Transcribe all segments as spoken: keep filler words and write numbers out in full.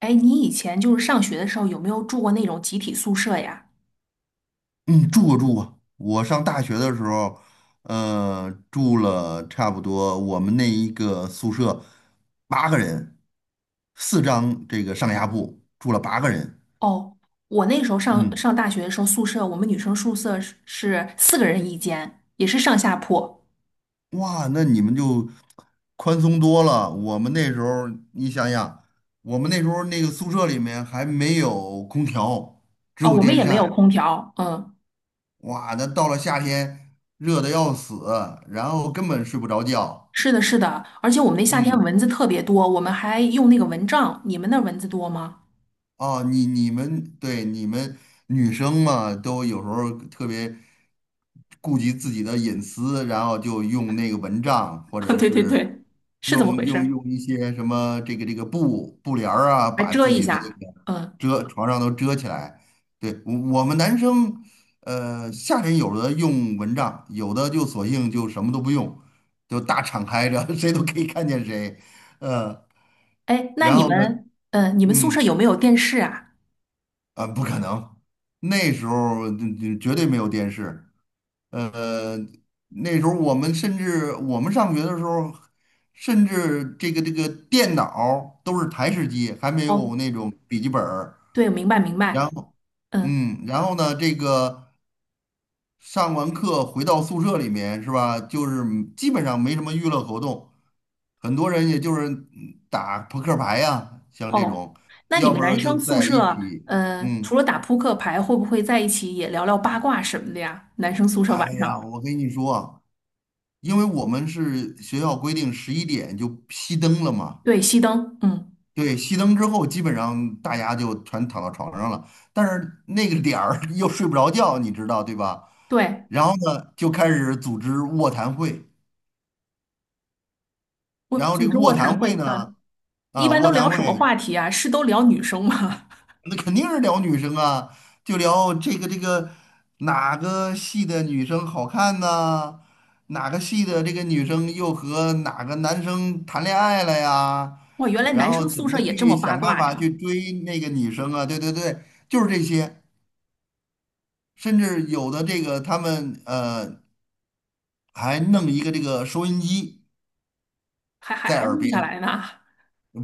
哎，你以前就是上学的时候有没有住过那种集体宿舍呀？嗯，住过住过。我上大学的时候，呃，住了差不多我们那一个宿舍八个人，四张这个上下铺，住了八个人。哦，我那时候上嗯，上大学的时候，宿舍我们女生宿舍是是四个人一间，也是上下铺。哇，那你们就宽松多了。我们那时候，你想想，我们那时候那个宿舍里面还没有空调，只哦，有我们电也没有扇。空调。嗯，哇，那到了夏天，热的要死，然后根本睡不着觉。是的，是的，而且我们那夏天嗯。蚊子特别多，我们还用那个蚊帐。你们那儿蚊子多吗？哦，你你们对你们女生嘛，都有时候特别顾及自己的隐私，然后就用那个蚊帐，或 者对对是对，是怎么用回用事用一些什么这个这个布布帘儿啊，还把遮自一己那个下。嗯，遮床上都遮起来。对，我我们男生，呃，夏天有的用蚊帐，有的就索性就什么都不用，就大敞开着，谁都可以看见谁。嗯，哎，那然你后呢，们，嗯，你们宿嗯。舍有没有电视啊？啊，不可能，那时候嗯嗯绝对没有电视。呃，那时候我们甚至我们上学的时候，甚至这个这个电脑儿都是台式机，还没有哦，那种笔记本儿。对，明白明然白。后，嗯。嗯，然后呢，这个上完课回到宿舍里面是吧？就是基本上没什么娱乐活动，很多人也就是嗯打扑克牌呀、像这哦，种，那你要们不男然就生宿在一舍，起，呃，除嗯。了打扑克牌，会不会在一起也聊聊八卦什么的呀？男生宿舍哎晚上，呀，我跟你说啊，因为我们是学校规定十一点就熄灯了嘛，对，熄灯，嗯，对，熄灯之后基本上大家就全躺到床上了，但是那个点儿 又睡不着觉，你知道对吧？对，然后呢，就开始组织卧谈会，我然后这组个织卧卧谈谈会会呢，啊，一啊，般都卧聊谈什么会话题啊？是都聊女生吗？那肯定是聊女生啊，就聊这个这个哪个系的女生好看呐、哪个系的这个女生又和哪个男生谈恋爱了呀？哇，原来然男后生怎宿么舍也这去么八想办卦法呀，去追那个女生啊？对对对，就是这些。甚至有的这个他们呃还弄一个这个收音机还还在还耳录边，下来呢。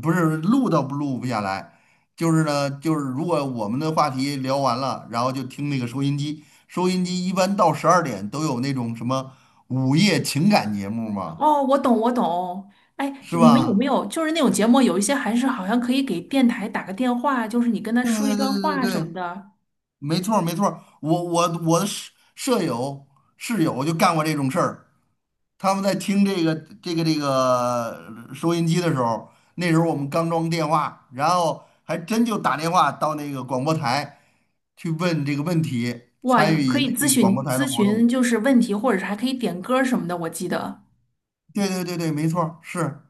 不是录都不录不下来，就是呢，就是如果我们的话题聊完了，然后就听那个收音机。收音机一般到十二点都有那种什么午夜情感节目嘛，哦，我懂，我懂。哎，是你们有没吧？有就是那种节目，有一些还是好像可以给电台打个电话，就是你跟他对说一对段对对话对什么对，的，没错儿没错儿。我我我的舍舍友室友就干过这种事儿。他们在听这个这个这个呃收音机的时候，那时候我们刚装电话，然后还真就打电话到那个广播台去问这个问题，哇，参有与可人以家这咨个广询播台的咨活询，动。就是问题，或者是还可以点歌什么的。我记得，对对对对，没错儿是。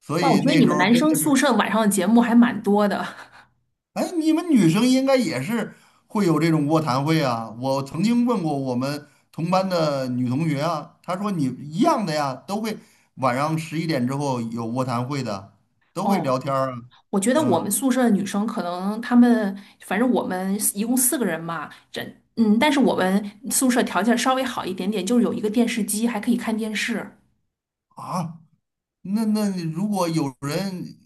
所哇，我以觉得那你时们候男真生的宿是，舍晚上的节目还蛮多的。哎，你们女生应该也是会有这种卧谈会啊。我曾经问过我们同班的女同学啊，她说你一样的呀，都会晚上十一点之后有卧谈会的，都会哦，聊天儿啊，我觉得我们嗯。宿舍的女生可能她们，反正我们一共四个人嘛，这嗯，但是我们宿舍条件稍微好一点点，就是有一个电视机，还可以看电视。啊，那那如果有人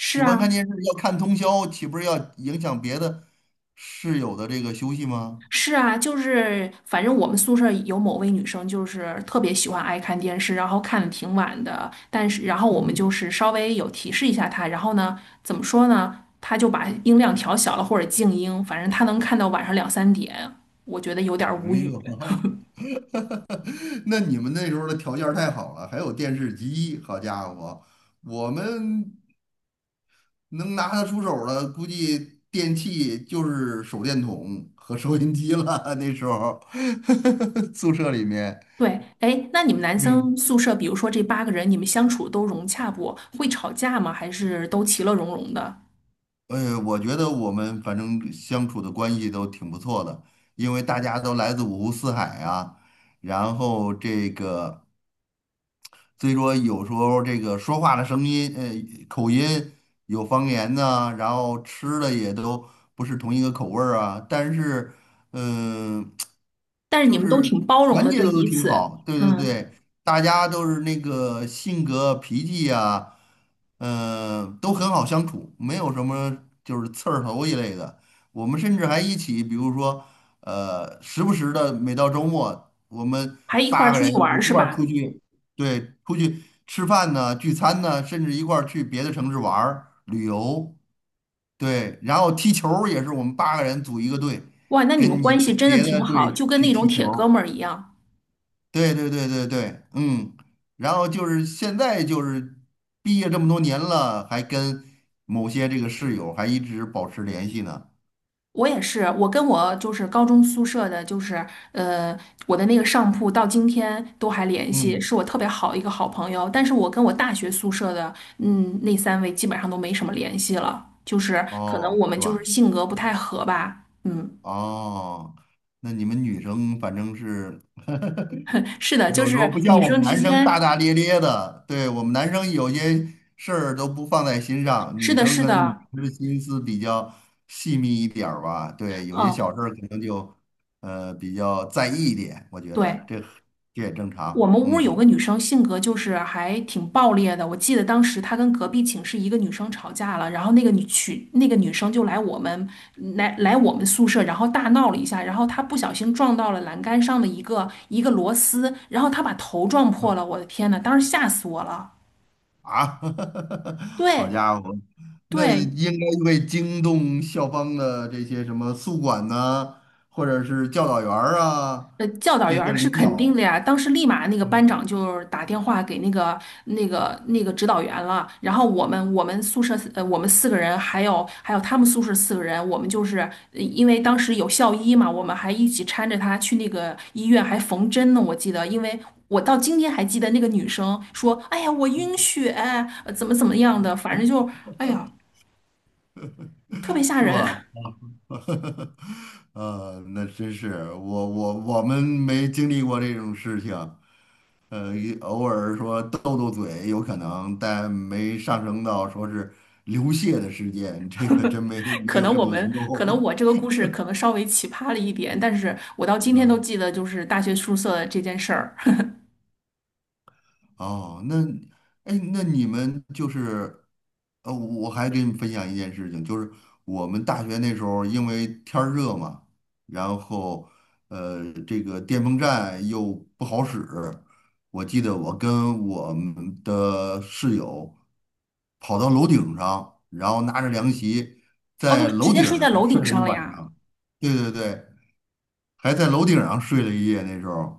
喜啊，欢看电视要看通宵，岂不是要影响别的室友的这个休息吗？是啊，就是反正我们宿舍有某位女生，就是特别喜欢爱看电视，然后看的挺晚的。但是，然后我们嗯，就是稍微有提示一下她，然后呢，怎么说呢？她就把音量调小了或者静音，反正她能看到晚上两三点，我觉得有点儿哎无呦，语。那你们那时候的条件儿太好了，还有电视机，好家伙，我们能拿得出手的，估计电器就是手电筒和收音机了。那时候 宿舍里面，对，哎，那你们男生嗯。宿舍，比如说这八个人，你们相处都融洽不？会吵架吗？还是都其乐融融的？呃，我觉得我们反正相处的关系都挺不错的，因为大家都来自五湖四海啊，然后这个。所以说有时候这个说话的声音，呃，口音有方言呐、然后吃的也都不是同一个口味儿啊。但是，嗯、但是你就们都是挺包容团的，结对的都彼挺此，好，对对嗯，对，大家都是那个性格脾气呀、嗯、都很好相处，没有什么就是刺儿头一类的。我们甚至还一起，比如说，呃，时不时的每到周末，我们还一块八儿个出去人玩一儿是块儿出吧？去。对，出去吃饭呢、聚餐呢，甚至一块儿去别的城市玩儿、旅游。对，然后踢球儿也是我们八个人组一个队，哇，那你们跟也关跟系真的别挺的好，队就跟去那种踢球铁哥儿。们儿一样。对对对对对，嗯。然后就是现在就是毕业这么多年了，还跟某些这个室友还一直保持联系呢。我也是，我跟我就是高中宿舍的，就是呃，我的那个上铺到今天都还联系，嗯，是我特别好的一个好朋友。但是我跟我大学宿舍的，嗯，那三位基本上都没什么联系了，就是可能哦，我们是就吧？是性格不太合吧。嗯，哦，那你们女生反正是 是的，就有时是候不像女我们生之男生大间，大咧咧的，对，我们男生有些事儿都不放在心上，是女的，生是可能女的，生的心思比较细密一点儿吧，对，有些嗯，小事儿可能就呃比较在意一点，我觉得对。这这也正我常，们屋儿有个嗯女生，性格就是还挺暴烈的。我记得当时她跟隔壁寝室一个女生吵架了，然后那个女去那个女生就来我们来来我们宿舍，然后大闹了一下，然后她不小心撞到了栏杆上的一个一个螺丝，然后她把头撞破啊了。我的天呐，当时吓死我了！啊，好对家伙，那对，应该会惊动校方的这些什么宿管呐、或者是教导员儿啊呃，教导这员些儿是领肯定的导，呀。当时立马那个班 长就是打电话给那个那个那个指导员了。然后我们我们宿舍呃我们四个人，还有还有他们宿舍四个人，我们就是呃因为当时有校医嘛，我们还一起搀着他去那个医院还缝针呢。我记得，因为我到今天还记得那个女生说：“哎呀，我晕血，呃怎么怎么样的，反正就哎呀，特别吓是人。” 吧？啊，那真是我我我们没经历过这种事情，呃，也偶尔说斗斗嘴有可能，但没上升到说是流血的事件，这个真 没没可有能这我么们，严可能重。我这个故事可能稍微奇葩了一点，但是我到 今天都嗯记得就是大学宿舍这件事儿。哦，那，哎，那你们就是，呃，我还给你分享一件事情，就是我们大学那时候因为天儿热嘛，然后，呃，这个电风扇又不好使，我记得我跟我们的室友跑到楼顶上，然后拿着凉席哦，就在直楼接顶睡上在楼顶睡了上一了晚呀！上，对对对，还在楼顶上睡了一夜，那时候，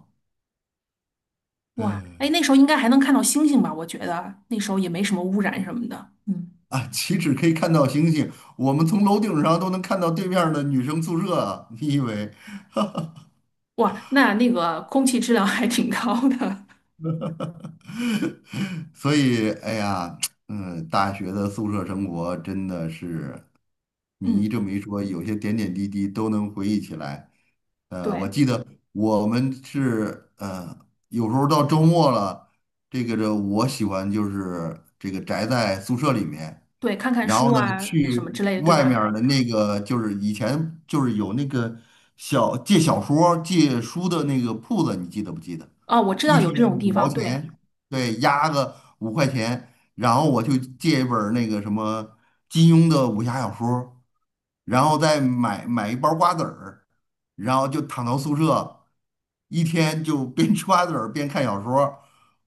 哇，哎，那唉时候应该还能看到星星吧？我觉得那时候也没什么污染什么的。嗯，啊，岂止可以看到星星，我们从楼顶上都能看到对面儿的女生宿舍啊！你以为？哇，那那个空气质量还挺高的。所以，哎呀，嗯，大学的宿舍生活真的是。嗯，你这么一说，有些点点滴滴都能回忆起来。呃，我对记得我们是呃，有时候到周末了，这个这我喜欢就是这个宅在宿舍里面，对，看看然后书呢啊什么去之类的，对外面吧？儿的那个就是以前就是有那个小借小说儿借书的那个铺子，你记得不记得？哦，我知一道有天这种地五毛方，对。钱，对，押个五块钱，然后我就借一本儿那个什么金庸的武侠小说儿。然后再买买一包瓜子儿，然后就躺到宿舍，一天就边吃瓜子儿边看小说儿。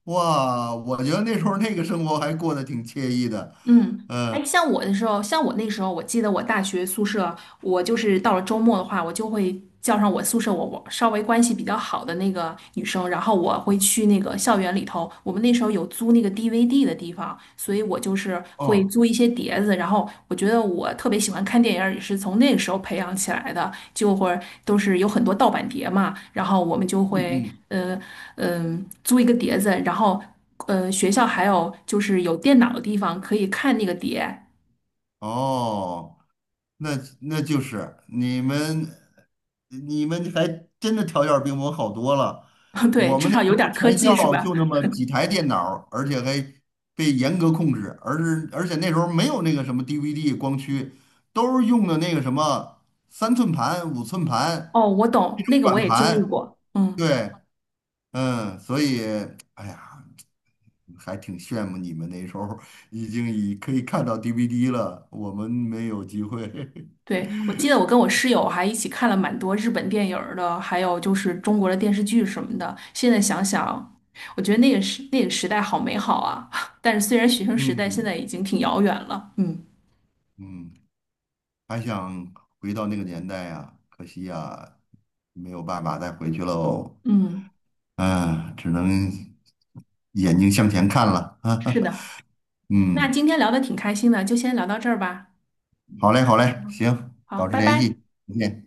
哇，我觉得那时候那个生活还过得挺惬意的。嗯，哎，像我的时候，像我那时候，我记得我大学宿舍，我就是到了周末的话，我就会叫上我宿舍我我稍微关系比较好的那个女生，然后我会去那个校园里头，我们那时候有租那个 D V D 的地方，所以我就是会哦，租一些碟子，然后我觉得我特别喜欢看电影儿，也是从那个时候培养起来的，就会都是有很多盗版碟嘛，然后我们就嗯会嗯，呃嗯、租一个碟子，然后。呃，学校还有就是有电脑的地方可以看那个碟，哦，那那就是你们，你们还真的条件儿比我们好多了。对，我至们那少时有点候儿科全技是校吧？就那么几台电脑儿而且还被严格控制，而是而且那时候没有那个什么 D V D 光驱，都是用的那个什么三寸盘、五寸盘哦，我那懂，种那个我软也经历盘。过。嗯，对，嗯，所以哎呀，还挺羡慕你们那时候已经已可以看到 D V D 了，我们没有机会。对，我记得我跟我室友还一起看了蛮多日本电影儿的，还有就是中国的电视剧什么的。现在想想，我觉得那个时那个时代好美好啊！但是虽然学生 时代现在嗯。已经挺遥远了，嗯嗯，还想回到那个年代呀，可惜呀，没有办法再回去喽。嗯，啊，只能眼睛向前看了。是 的。那嗯，今天聊的挺开心的，就先聊到这儿吧。好嘞，好嘞，行，好，保持拜联拜。系，再见。